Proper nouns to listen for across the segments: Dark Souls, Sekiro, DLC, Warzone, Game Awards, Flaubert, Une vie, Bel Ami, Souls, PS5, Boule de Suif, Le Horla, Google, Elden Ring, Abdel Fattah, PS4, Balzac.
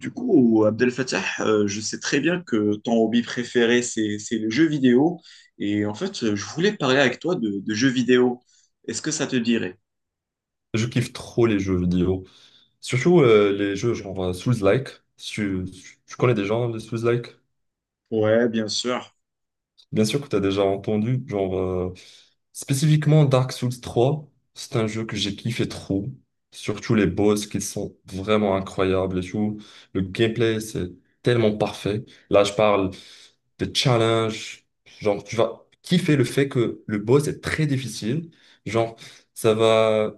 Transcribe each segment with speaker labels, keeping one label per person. Speaker 1: Du coup, Abdel Fattah, je sais très bien que ton hobby préféré, c'est le jeu vidéo. Et en fait, je voulais parler avec toi de jeux vidéo. Est-ce que ça te dirait?
Speaker 2: Je kiffe trop les jeux vidéo. Surtout les jeux genre Souls-like. Si tu connais des gens, les Souls-like?
Speaker 1: Ouais, bien sûr.
Speaker 2: Bien sûr que tu as déjà entendu. Genre, spécifiquement Dark Souls 3, c'est un jeu que j'ai kiffé trop. Surtout les boss qui sont vraiment incroyables et tout. Le gameplay, c'est tellement parfait. Là, je parle des challenges. Genre, tu vas kiffer le fait que le boss est très difficile. Genre, ça va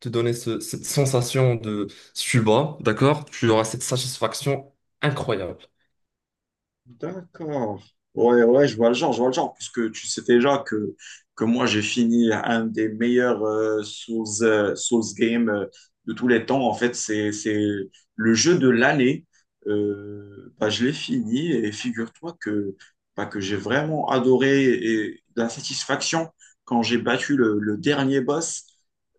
Speaker 2: te donner cette sensation de si tu bats, d'accord? Tu auras cette satisfaction incroyable.
Speaker 1: D'accord. Ouais, ouais, je vois le genre, puisque tu sais déjà que moi, j'ai fini un des meilleurs Souls games de tous les temps. En fait, c'est le jeu de l'année. Bah, je l'ai fini et figure-toi bah, que j'ai vraiment adoré et de la satisfaction quand j'ai battu le dernier boss.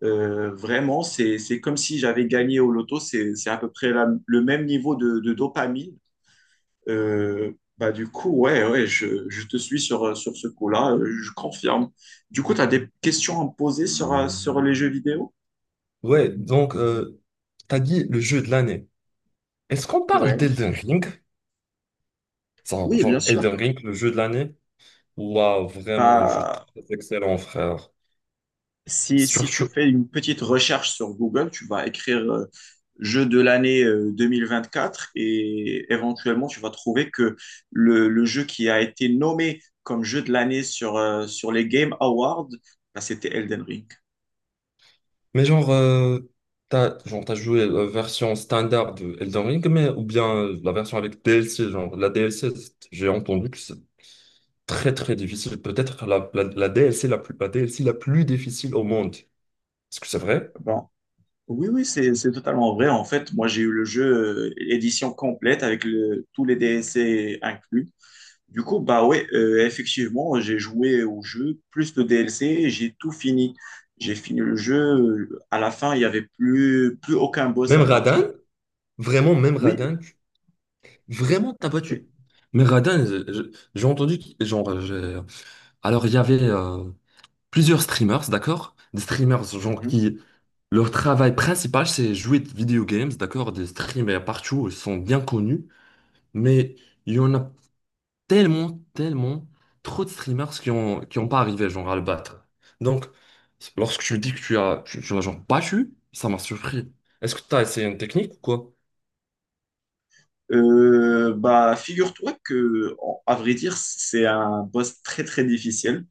Speaker 1: Vraiment, c'est comme si j'avais gagné au loto. C'est à peu près le même niveau de dopamine. Euh, bah, du coup, ouais, ouais, je te suis sur ce coup-là, je confirme. Du coup, tu as des questions à me poser sur les jeux vidéo?
Speaker 2: Ouais, donc, t'as dit le jeu de l'année. Est-ce qu'on parle
Speaker 1: Ouais.
Speaker 2: d'Elden Ring? Ça,
Speaker 1: Oui, bien
Speaker 2: genre,
Speaker 1: sûr.
Speaker 2: Elden Ring, le jeu de l'année? Waouh, vraiment un jeu
Speaker 1: Bah,
Speaker 2: très excellent, frère.
Speaker 1: si tu
Speaker 2: Surtout.
Speaker 1: fais une petite recherche sur Google, tu vas écrire jeu de l'année 2024 et éventuellement tu vas trouver que le jeu qui a été nommé comme jeu de l'année sur les Game Awards, bah, c'était Elden Ring.
Speaker 2: Mais genre, t'as joué la version standard de Elden Ring, mais, ou bien la version avec DLC, genre, la DLC, j'ai entendu que très, très difficile. Peut-être la DLC la plus, la DLC la plus difficile au monde. Est-ce que c'est vrai?
Speaker 1: Bon. Oui, oui, c'est totalement vrai. En fait, moi, j'ai eu le jeu édition complète avec tous les DLC inclus. Du coup, bah ouais, effectivement, j'ai joué au jeu, plus le DLC, et j'ai tout fini. J'ai fini le jeu. À la fin, il n'y avait plus aucun boss
Speaker 2: Même
Speaker 1: à
Speaker 2: Radin?
Speaker 1: battre.
Speaker 2: Vraiment, même
Speaker 1: Oui, OK.
Speaker 2: Radin? Vraiment, t'as pas tué. Mais Radin, j'ai entendu, genre, alors il y avait plusieurs streamers, d'accord? Des streamers, genre,
Speaker 1: Mhm.
Speaker 2: qui, leur travail principal, c'est jouer de video games, d'accord? Des streamers partout, ils sont bien connus, mais il y en a tellement, tellement trop de streamers qui ont pas arrivé genre à le battre. Donc, lorsque tu me dis que tu l'as genre battu, ça m'a surpris. Est-ce que tu as essayé une technique ou quoi?
Speaker 1: Bah, figure-toi que, à vrai dire, c'est un boss très, très difficile.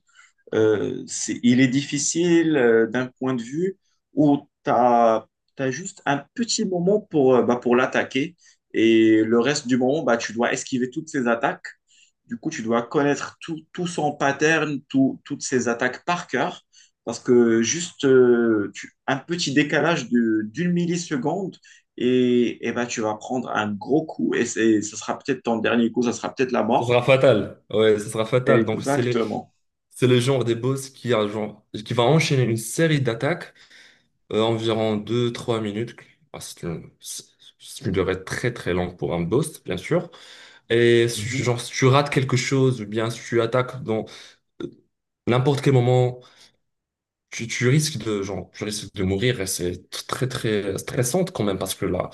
Speaker 1: Il est difficile d'un point de vue où tu as juste un petit moment bah, pour l'attaquer et le reste du moment, bah, tu dois esquiver toutes ses attaques. Du coup, tu dois connaître tout son pattern, toutes ses attaques par cœur parce que juste un petit décalage d'une milliseconde et bah, tu vas prendre un gros coup et ce sera peut-être ton dernier coup, ça sera peut-être la
Speaker 2: Ça
Speaker 1: mort.
Speaker 2: sera fatal. Ouais, ça sera fatal. Donc,
Speaker 1: Exactement.
Speaker 2: c'est le genre des boss qui va enchaîner une série d'attaques, environ deux trois minutes. Ah, c'est une durée très très longue pour un boss, bien sûr. Et si,
Speaker 1: Mhm.
Speaker 2: genre, si tu rates quelque chose, ou bien si tu attaques dans euh, n'importe quel moment, tu risques de mourir et c'est très, très stressant quand même parce que là,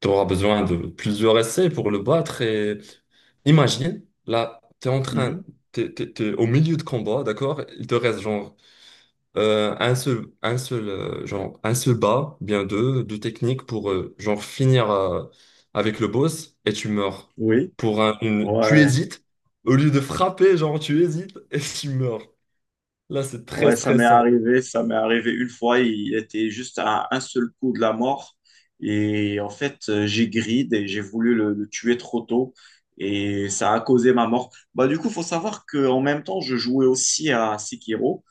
Speaker 2: tu auras besoin de plusieurs essais pour le battre et imagine, là, tu es en train,
Speaker 1: Mhm.
Speaker 2: t'es, t'es- t'es au milieu de combat, d'accord? Il te reste genre un seul, genre, un seul bas, bien deux techniques pour genre finir avec le boss et tu meurs.
Speaker 1: Oui.
Speaker 2: Tu
Speaker 1: Ouais,
Speaker 2: hésites, au lieu de frapper, genre, tu hésites et tu meurs. Là, c'est très
Speaker 1: ouais, ça m'est
Speaker 2: stressant.
Speaker 1: arrivé, ça m'est arrivé une fois, il était juste à un seul coup de la mort et en fait, j'ai grid et j'ai voulu le tuer trop tôt et ça a causé ma mort. Bah du coup, faut savoir que en même temps, je jouais aussi à Sekiro.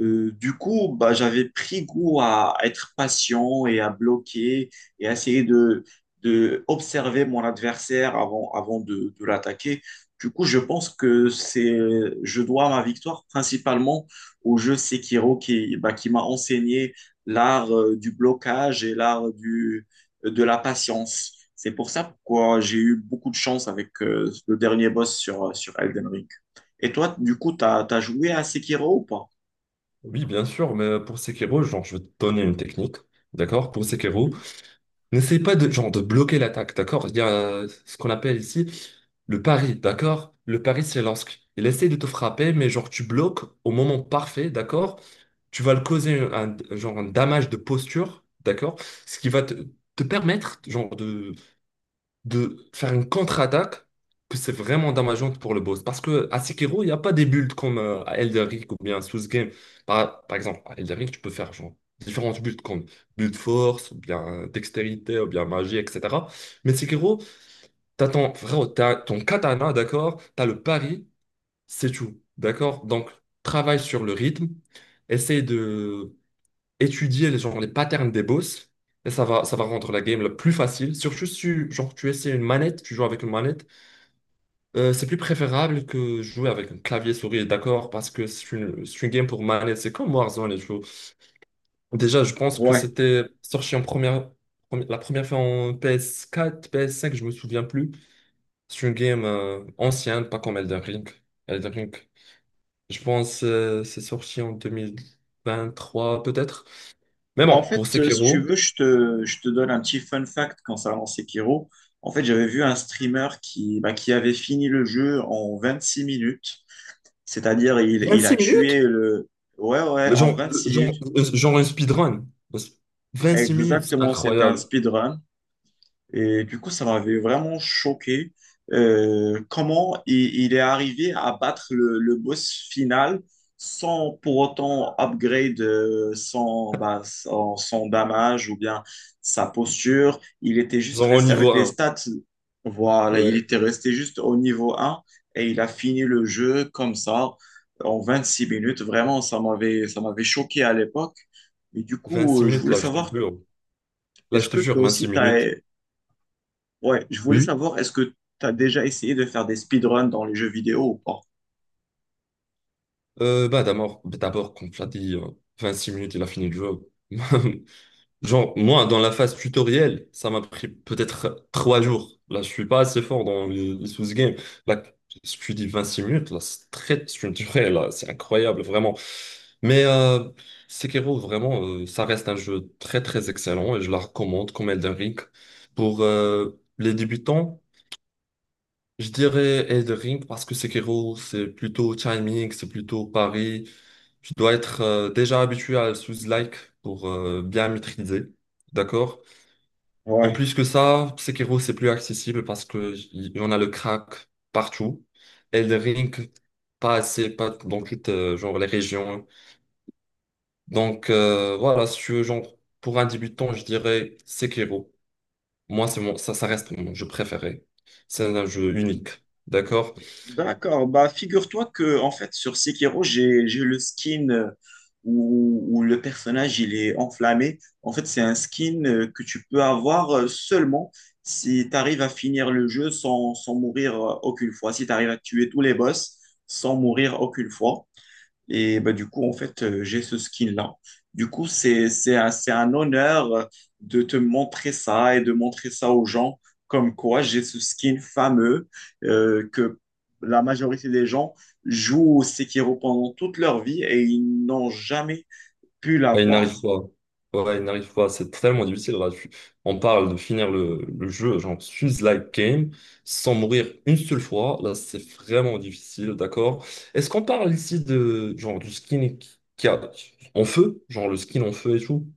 Speaker 1: Du coup, bah, j'avais pris goût à être patient et à bloquer et à essayer de observer mon adversaire avant de l'attaquer. Du coup, je pense que je dois ma victoire principalement au jeu Sekiro qui, bah, qui m'a enseigné l'art du blocage et l'art de la patience. C'est pour ça pourquoi j'ai eu beaucoup de chance avec le dernier boss sur Elden Ring. Et toi, du coup, t'as joué à Sekiro ou pas?
Speaker 2: Oui, bien sûr, mais pour Sekiro, genre, je vais te donner une technique, d'accord? Pour Sekiro, n'essaie pas genre, de bloquer l'attaque, d'accord? Il y a ce qu'on appelle ici le pari, d'accord? Le pari, c'est lorsque il essaie de te frapper, mais genre, tu bloques au moment parfait, d'accord? Tu vas le causer genre, un damage de posture, d'accord? Ce qui va te permettre, genre, de faire une contre-attaque que c'est vraiment dommageante pour le boss. Parce que à Sekiro, il n'y a pas des builds comme à Elden Ring ou bien à Souls Game. Par exemple, à Elden Ring, tu peux faire genre, différentes builds comme build force, ou bien dextérité, ou bien magie, etc. Mais Sekiro, frérot, t'as ton katana, d'accord? T'as le pari, c'est tout, d'accord? Donc, travaille sur le rythme, essaye de étudier genre, les patterns des boss. Et ça va rendre la game la plus facile. Surtout si genre, tu joues avec une manette, c'est plus préférable que jouer avec un clavier souris, d'accord? Parce que c'est une game pour manette. C'est comme Warzone et tout. Déjà, je pense que
Speaker 1: Ouais.
Speaker 2: c'était sorti la première fois en PS4, PS5, je me souviens plus. C'est une game ancienne, pas comme Elden Ring. Elden Ring, je pense c'est sorti en 2023 peut-être. Mais
Speaker 1: Bah, en
Speaker 2: bon,
Speaker 1: fait,
Speaker 2: pour
Speaker 1: si tu
Speaker 2: Sekiro,
Speaker 1: veux, je te donne un petit fun fact concernant Sekiro. En fait, j'avais vu un streamer bah, qui avait fini le jeu en 26 minutes. C'est-à-dire, il a
Speaker 2: 26 minutes?
Speaker 1: tué le. Ouais, ouais,
Speaker 2: Mais
Speaker 1: en 26 minutes.
Speaker 2: genre, genre un speedrun. 26 minutes, c'est
Speaker 1: Exactement, c'était un
Speaker 2: incroyable.
Speaker 1: speedrun. Et du coup, ça m'avait vraiment choqué comment il est arrivé à battre le boss final sans pour autant upgrade bah, son damage ou bien sa posture. Il était juste
Speaker 2: Genre au
Speaker 1: resté
Speaker 2: niveau
Speaker 1: avec les
Speaker 2: un.
Speaker 1: stats. Voilà, il
Speaker 2: Ouais,
Speaker 1: était resté juste au niveau un et il a fini le jeu comme ça en 26 minutes. Vraiment, ça m'avait choqué à l'époque. Et du
Speaker 2: 26
Speaker 1: coup, je
Speaker 2: minutes,
Speaker 1: voulais
Speaker 2: là, je te
Speaker 1: savoir,
Speaker 2: jure. Là,
Speaker 1: est-ce
Speaker 2: je te
Speaker 1: que
Speaker 2: jure,
Speaker 1: toi aussi,
Speaker 2: 26
Speaker 1: tu
Speaker 2: minutes.
Speaker 1: as. Ouais, je
Speaker 2: Oui,
Speaker 1: voulais
Speaker 2: oui.
Speaker 1: savoir, est-ce que tu as déjà essayé de faire des speedruns dans les jeux vidéo ou pas?
Speaker 2: Bah, d'abord, comme tu l'as dit, 26 minutes, il a fini le jeu. Genre, moi, dans la phase tutoriel, ça m'a pris peut-être 3 jours. Là, je suis pas assez fort dans les sous games. Là, ce que tu dis 6 minutes, là, c'est très structuré, là, c'est incroyable, vraiment. Mais Sekiro, vraiment, ça reste un jeu très, très excellent et je la recommande comme Elden Ring. Pour les débutants, je dirais Elden Ring parce que Sekiro, c'est plutôt timing, c'est plutôt pari. Tu dois être déjà habitué à sous-like pour bien maîtriser. D'accord? En
Speaker 1: Ouais.
Speaker 2: plus que ça, Sekiro, c'est plus accessible parce que y en a le crack partout. Elden Ring, pas assez, pas dans toutes genre, les régions. Donc voilà, si tu veux, genre, pour un débutant, je dirais Sekiro. Moi, ça reste mon jeu préféré. C'est un jeu unique. D'accord?
Speaker 1: D'accord, bah figure-toi que en fait sur Sekiro, j'ai le skin où le personnage il est enflammé. En fait, c'est un skin que tu peux avoir seulement si tu arrives à finir le jeu sans mourir aucune fois, si tu arrives à tuer tous les boss sans mourir aucune fois. Et bah, du coup, en fait, j'ai ce skin-là. Du coup, c'est un honneur de te montrer ça et de montrer ça aux gens, comme quoi j'ai ce skin fameux que la majorité des gens jouent au Sekiro pendant toute leur vie et ils n'ont jamais pu
Speaker 2: Ouais, il n'arrive
Speaker 1: l'avoir.
Speaker 2: pas. Ouais, il n'arrive pas. C'est tellement difficile. Là. On parle de finir le jeu, genre fuse like game, sans mourir une seule fois. Là, c'est vraiment difficile, d'accord? Est-ce qu'on parle ici de genre du skin qui a en feu, genre le skin en feu et tout,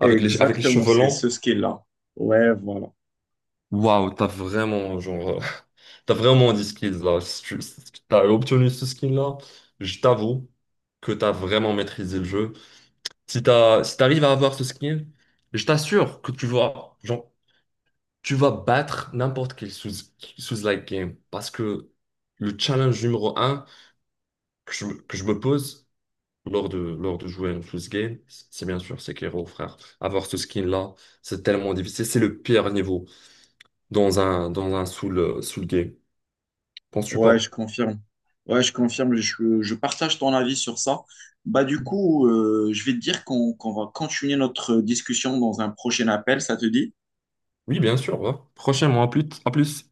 Speaker 2: avec les
Speaker 1: Exactement,
Speaker 2: cheveux
Speaker 1: c'est ce
Speaker 2: longs?
Speaker 1: skin-là. Ouais, voilà.
Speaker 2: Waouh, t'as vraiment genre t'as vraiment des skills là. Si tu- si T'as obtenu ce skin là. Je t'avoue que t'as vraiment maîtrisé le jeu. Si t'arrives à avoir ce skill, je t'assure que tu vas battre n'importe quel sous like game. Parce que le challenge numéro un que je me pose lors de jouer un sous game, c'est bien sûr Sekiro, frère. Avoir ce skin-là, c'est tellement difficile. C'est le pire niveau dans un soul game. Penses-tu
Speaker 1: Ouais,
Speaker 2: pas?
Speaker 1: je confirme. Ouais, je confirme. Je partage ton avis sur ça. Bah, du coup, je vais te dire qu'on va continuer notre discussion dans un prochain appel. Ça te dit?
Speaker 2: Oui, bien sûr. Ouais. Prochainement, à plus, à plus.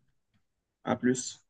Speaker 1: À plus.